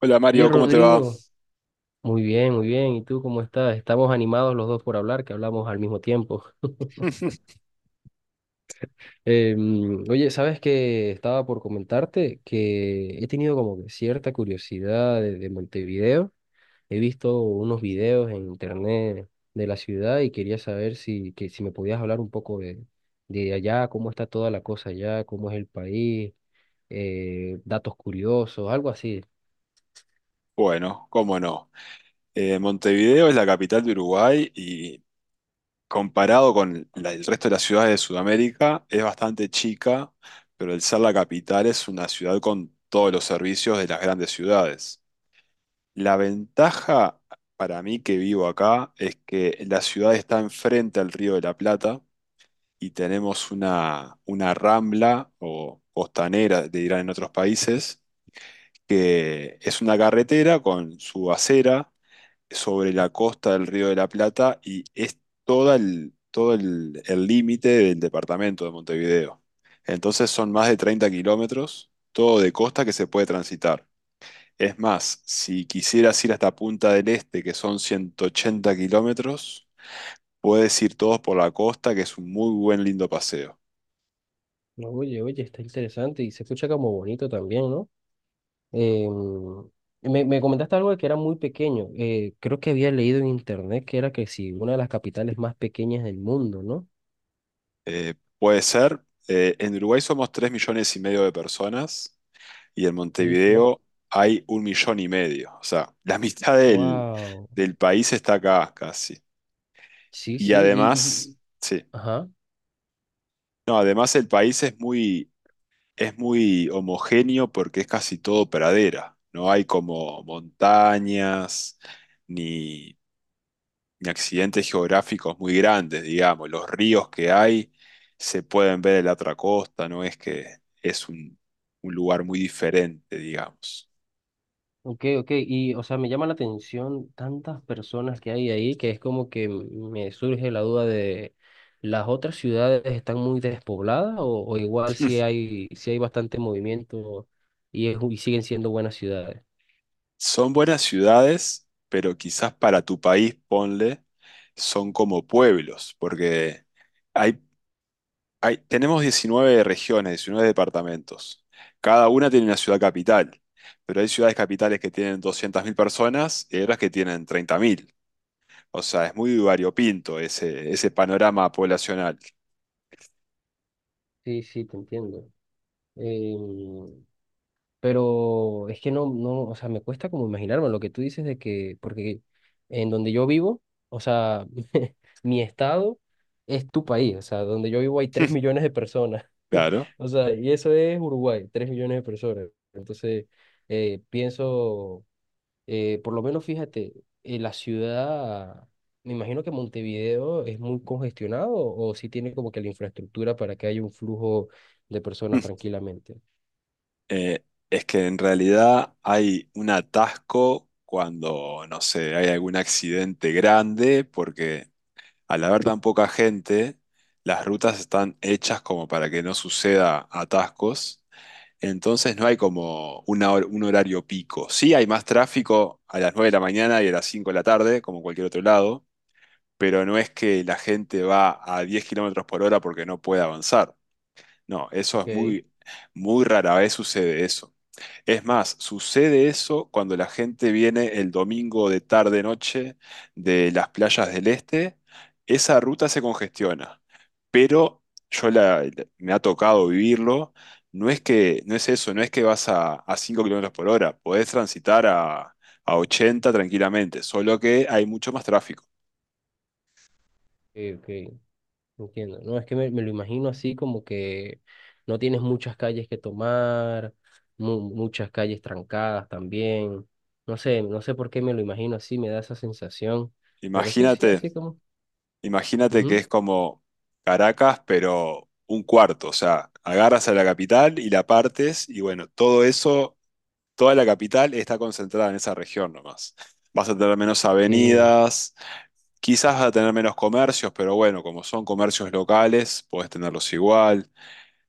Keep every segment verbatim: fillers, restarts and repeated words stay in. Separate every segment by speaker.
Speaker 1: Hola
Speaker 2: Oye,
Speaker 1: Mario, ¿cómo te va?
Speaker 2: Rodrigo, muy bien, muy bien. ¿Y tú cómo estás? Estamos animados los dos por hablar, que hablamos al mismo tiempo. Em, oye, ¿sabes que estaba por comentarte que he tenido como que cierta curiosidad de, de Montevideo? He visto unos videos en internet de la ciudad y quería saber si, que, si me podías hablar un poco de, de allá, cómo está toda la cosa allá, cómo es el país, eh, datos curiosos, algo así.
Speaker 1: Bueno, cómo no. Eh, Montevideo es la capital de Uruguay y comparado con la- el resto de las ciudades de Sudamérica es bastante chica, pero el ser la capital es una ciudad con todos los servicios de las grandes ciudades. La ventaja para mí que vivo acá es que la ciudad está enfrente al Río de la Plata y tenemos una, una rambla o costanera, le dirán en otros países, que es una carretera con su acera sobre la costa del Río de la Plata y es toda el, todo el el límite del departamento de Montevideo. Entonces son más de treinta kilómetros, todo de costa que se puede transitar. Es más, si quisieras ir hasta Punta del Este, que son ciento ochenta kilómetros, puedes ir todos por la costa, que es un muy buen, lindo paseo.
Speaker 2: Oye, oye, está interesante y se escucha como bonito también. Em, me, me comentaste algo de que era muy pequeño. Eh, creo que había leído en internet que era que sí, una de las capitales más pequeñas del mundo, ¿no?
Speaker 1: Eh, puede ser, eh, en Uruguay somos tres millones y medio de personas y en
Speaker 2: Sí, sí.
Speaker 1: Montevideo hay un millón y medio. O sea, la mitad del,
Speaker 2: Wow.
Speaker 1: del país está acá casi.
Speaker 2: Sí,
Speaker 1: Y
Speaker 2: sí. Y, y,
Speaker 1: además, sí,
Speaker 2: ajá.
Speaker 1: no, además el país es muy, es muy homogéneo porque es casi todo pradera. No hay como montañas ni, ni accidentes geográficos muy grandes, digamos. Los ríos que hay se pueden ver en la otra costa, no es que es un, un lugar muy diferente, digamos.
Speaker 2: Ok, ok. Y, o sea, me llama la atención tantas personas que hay ahí, que es como que me surge la duda de, ¿las otras ciudades están muy despobladas o, o igual si hay, si hay bastante movimiento y, es- y siguen siendo buenas ciudades?
Speaker 1: Son buenas ciudades, pero quizás para tu país, ponle, son como pueblos, porque hay, hay- tenemos diecinueve regiones, diecinueve departamentos. Cada una tiene una ciudad capital, pero hay ciudades capitales que tienen doscientas mil personas y hay otras que tienen treinta mil. O sea, es muy variopinto ese, ese panorama poblacional.
Speaker 2: Sí, sí, te entiendo. Em, Pero es que no, no, o sea, me cuesta como imaginarme lo que tú dices de que, porque en donde yo vivo, o sea, mi estado es tu país, o sea, donde yo vivo hay tres millones de personas,
Speaker 1: Claro.
Speaker 2: o sea, y eso es Uruguay, tres millones de personas. Entonces, eh, pienso, eh, por lo menos fíjate, eh, la ciudad, me imagino que Montevideo es muy congestionado, o si tiene como que la infraestructura para que haya un flujo de personas tranquilamente.
Speaker 1: Eh, es que en realidad hay un atasco cuando, no sé, hay algún accidente grande, porque al haber tan poca gente, las rutas están hechas como para que no suceda atascos. Entonces no hay como una hor- un horario pico. Sí hay más tráfico a las nueve de la mañana y a las cinco de la tarde, como cualquier otro lado, pero no es que la gente va a diez kilómetros por hora porque no puede avanzar. No, eso es
Speaker 2: Ok,
Speaker 1: muy, muy rara vez sucede eso. Es más, sucede eso cuando la gente viene el domingo de tarde noche de las playas del este, esa ruta se congestiona. Pero yo la, me ha tocado vivirlo, no es que, no es eso, no es que vas a, a cinco kilómetros por hora, podés transitar a, a ochenta tranquilamente, solo que hay mucho más tráfico.
Speaker 2: ok. Ok. Entiendo, no, es que me, me lo imagino así como que no tienes muchas calles que tomar, mu- muchas calles trancadas también. No sé, no sé por qué me lo imagino así, me da esa sensación, pero sí, sí,
Speaker 1: Imagínate.
Speaker 2: así como.
Speaker 1: Imagínate que
Speaker 2: Ujú.
Speaker 1: es como Caracas, pero un cuarto, o sea, agarras a la capital y la partes y bueno, todo eso, toda la capital está concentrada en esa región nomás. Vas a tener menos
Speaker 2: Sí.
Speaker 1: avenidas, quizás vas a tener menos comercios, pero bueno, como son comercios locales, podés tenerlos igual.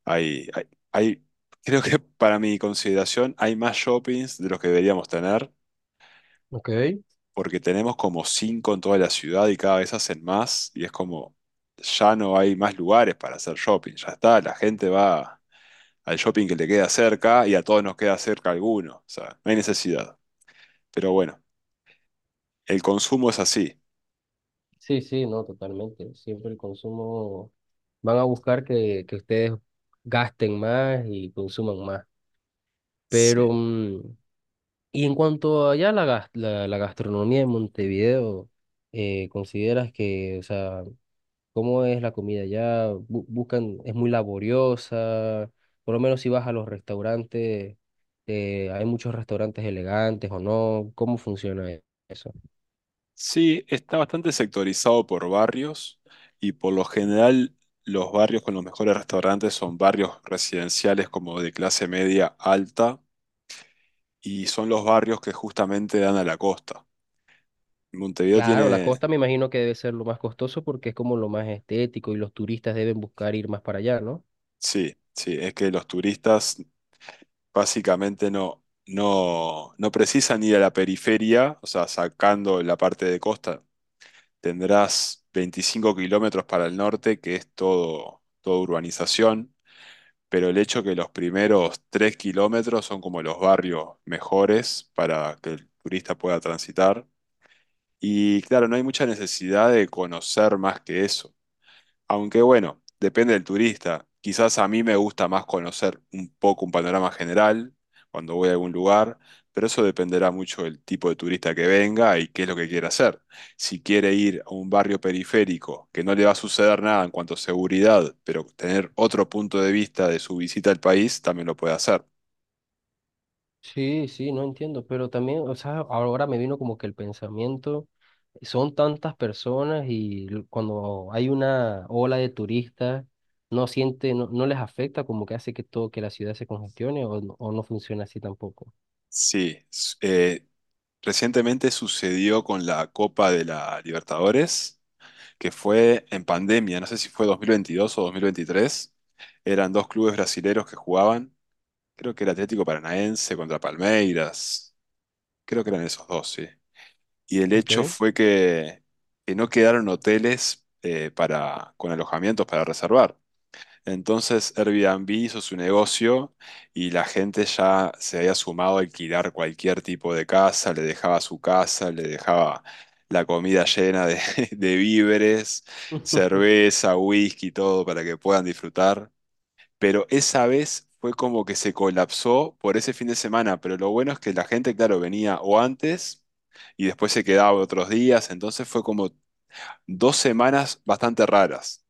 Speaker 1: Hay, hay, hay- creo que para mi consideración hay más shoppings de los que deberíamos tener,
Speaker 2: Ok,
Speaker 1: porque tenemos como cinco en toda la ciudad y cada vez hacen más y es como, ya no hay más lugares para hacer shopping, ya está, la gente va al shopping que le queda cerca y a todos nos queda cerca alguno, o sea, no hay necesidad. Pero bueno, el consumo es así.
Speaker 2: sí, sí, no, totalmente. Siempre el consumo, van a buscar que, que ustedes gasten más y consuman más.
Speaker 1: Sí.
Speaker 2: Pero, mm, y en cuanto allá a la, gas- la, la gastronomía de Montevideo, eh, ¿consideras que, o sea, cómo es la comida allá? Bu- buscan, es muy laboriosa. Por lo menos si vas a los restaurantes, eh, hay muchos restaurantes elegantes o no. ¿Cómo funciona e- eso?
Speaker 1: Sí, está bastante sectorizado por barrios y por lo general los barrios con los mejores restaurantes son barrios residenciales, como de clase media alta, y son los barrios que justamente dan a la costa. Montevideo
Speaker 2: Claro, la
Speaker 1: tiene.
Speaker 2: costa me imagino que debe ser lo más costoso, porque es como lo más estético y los turistas deben buscar ir más para allá, ¿no?
Speaker 1: Sí, sí, es que los turistas básicamente no, no, no precisan ir a la periferia, o sea, sacando la parte de costa, tendrás veinticinco kilómetros para el norte, que es todo, todo urbanización, pero el hecho que los primeros tres kilómetros son como los barrios mejores para que el turista pueda transitar. Y claro, no hay mucha necesidad de conocer más que eso. Aunque bueno, depende del turista. Quizás a mí me gusta más conocer un poco un panorama general cuando voy a algún lugar, pero eso dependerá mucho del tipo de turista que venga y qué es lo que quiere hacer. Si quiere ir a un barrio periférico, que no le va a suceder nada en cuanto a seguridad, pero tener otro punto de vista de su visita al país, también lo puede hacer.
Speaker 2: Sí, sí, no entiendo, pero también, o sea, ahora me vino como que el pensamiento, son tantas personas y l- cuando hay una ola de turistas, no siente, no, no les afecta, como que hace que todo, que la ciudad se congestione o, no- o no funciona así tampoco.
Speaker 1: Sí, s- eh, recientemente sucedió con la Copa de la Libertadores que fue en pandemia, no sé si fue dos mil veintidós o dos mil veintitrés. Eran dos clubes brasileros que jugaban, creo que era Atlético Paranaense contra Palmeiras, creo que eran esos dos, sí. Y el
Speaker 2: ¿Ok?
Speaker 1: hecho fue que, que no quedaron hoteles, eh, para, con alojamientos para reservar. Entonces Airbnb hizo su negocio y la gente ya se había sumado a alquilar cualquier tipo de casa, le dejaba su casa, le dejaba la comida llena de, de víveres, cerveza, whisky, todo para que puedan disfrutar. Pero esa vez fue como que se colapsó por ese fin de semana, pero lo bueno es que la gente, claro, venía o antes y después se quedaba otros días, entonces fue como dos semanas bastante raras.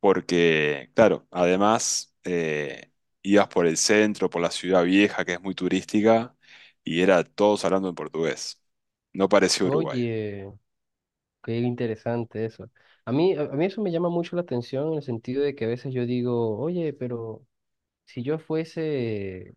Speaker 1: Porque, claro, además eh, ibas por el centro, por la ciudad vieja, que es muy turística, y era todos hablando en portugués. No parecía Uruguay.
Speaker 2: Oye, qué interesante eso. A mí, a a mí eso me llama mucho la atención en el sentido de que a veces yo digo, oye, pero si yo fuese,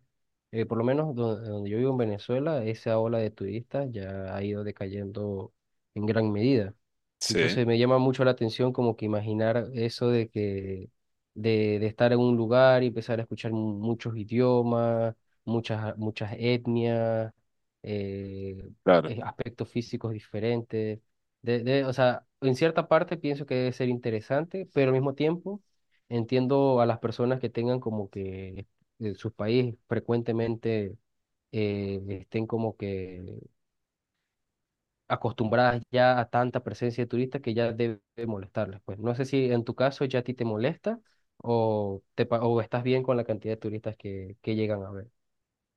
Speaker 2: eh, por lo menos do- donde, yo vivo en Venezuela, esa ola de turistas ya ha ido decayendo en gran medida.
Speaker 1: Sí,
Speaker 2: Entonces me llama mucho la atención como que imaginar eso de que de, de estar en un lugar y empezar a escuchar mu- muchos idiomas, muchas, muchas etnias, eh,
Speaker 1: claro.
Speaker 2: eh, aspectos físicos diferentes. De, de- o sea, en cierta parte pienso que debe ser interesante, pero al mismo tiempo entiendo a las personas que tengan como que en su país frecuentemente eh, estén como que acostumbradas ya a tanta presencia de turistas, que ya debe molestarles. Pues no sé si en tu caso ya a ti te molesta o, te, pa- o estás bien con la cantidad de turistas que, que llegan a ver.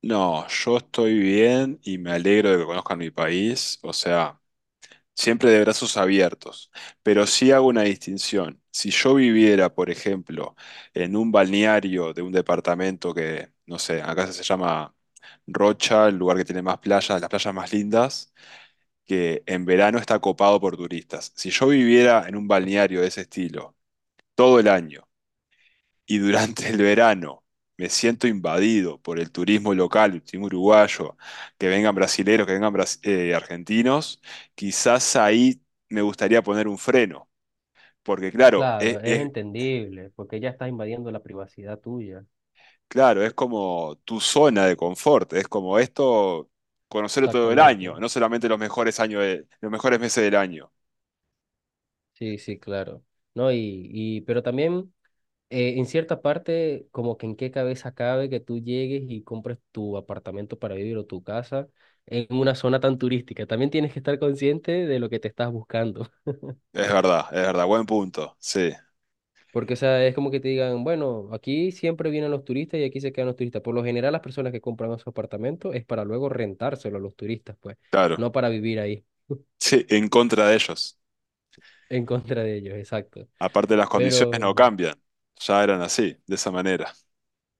Speaker 1: No, yo estoy bien y me alegro de que conozcan mi país, o sea, siempre de brazos abiertos, pero sí hago una distinción. Si yo viviera, por ejemplo, en un balneario de un departamento que, no sé, acá se llama Rocha, el lugar que tiene más playas, las playas más lindas, que en verano está copado por turistas. Si yo viviera en un balneario de ese estilo todo el año y durante el verano me siento invadido por el turismo local, el turismo uruguayo, que vengan brasileros, que vengan bras- eh, argentinos, quizás ahí me gustaría poner un freno, porque claro,
Speaker 2: Claro,
Speaker 1: es,
Speaker 2: es
Speaker 1: es-
Speaker 2: entendible, porque ya estás invadiendo la privacidad tuya.
Speaker 1: claro, es como tu zona de confort, es como esto, conocerlo todo el
Speaker 2: Exactamente.
Speaker 1: año, no solamente los mejores años de- los mejores meses del año.
Speaker 2: Sí, sí, claro. No, y, y pero también eh, en cierta parte, como que en qué cabeza cabe que tú llegues y compres tu apartamento para vivir o tu casa en una zona tan turística. También tienes que estar consciente de lo que te estás buscando.
Speaker 1: Es verdad, es verdad, buen punto, sí,
Speaker 2: Porque, o sea, es como que te digan, bueno, aquí siempre vienen los turistas y aquí se quedan los turistas. Por lo general, las personas que compran su apartamento es para luego rentárselo a los turistas, pues,
Speaker 1: claro.
Speaker 2: no para vivir ahí,
Speaker 1: Sí, en contra de ellos.
Speaker 2: en contra de ellos, exacto.
Speaker 1: Aparte, las condiciones
Speaker 2: Pero
Speaker 1: no cambian. Ya eran así, de esa manera.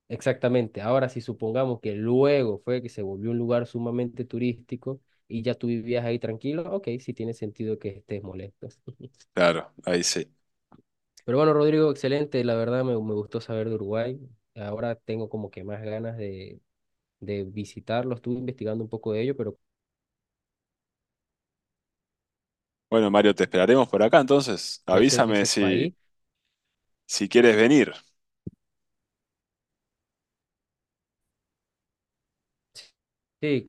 Speaker 2: exactamente. Ahora, si supongamos que luego fue que se volvió un lugar sumamente turístico y ya tú vivías ahí tranquilo, ok, sí tiene sentido que estés molesto.
Speaker 1: Claro, ahí sí.
Speaker 2: Pero bueno, Rodrigo, excelente. La verdad me, me gustó saber de Uruguay. Ahora tengo como que más ganas de, de visitarlo. Estuve investigando un poco de ello, pero
Speaker 1: Bueno, Mario, te esperaremos por acá entonces.
Speaker 2: ese,
Speaker 1: Avísame
Speaker 2: ese
Speaker 1: si,
Speaker 2: país.
Speaker 1: si quieres venir.
Speaker 2: Sí,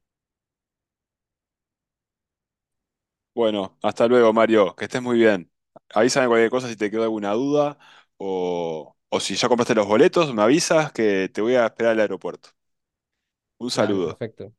Speaker 1: Bueno, hasta luego, Mario. Que estés muy bien. Avísame cualquier cosa si te quedó alguna duda o, o si ya compraste los boletos, me avisas que te voy a esperar al aeropuerto. Un
Speaker 2: dale,
Speaker 1: saludo.
Speaker 2: perfecto.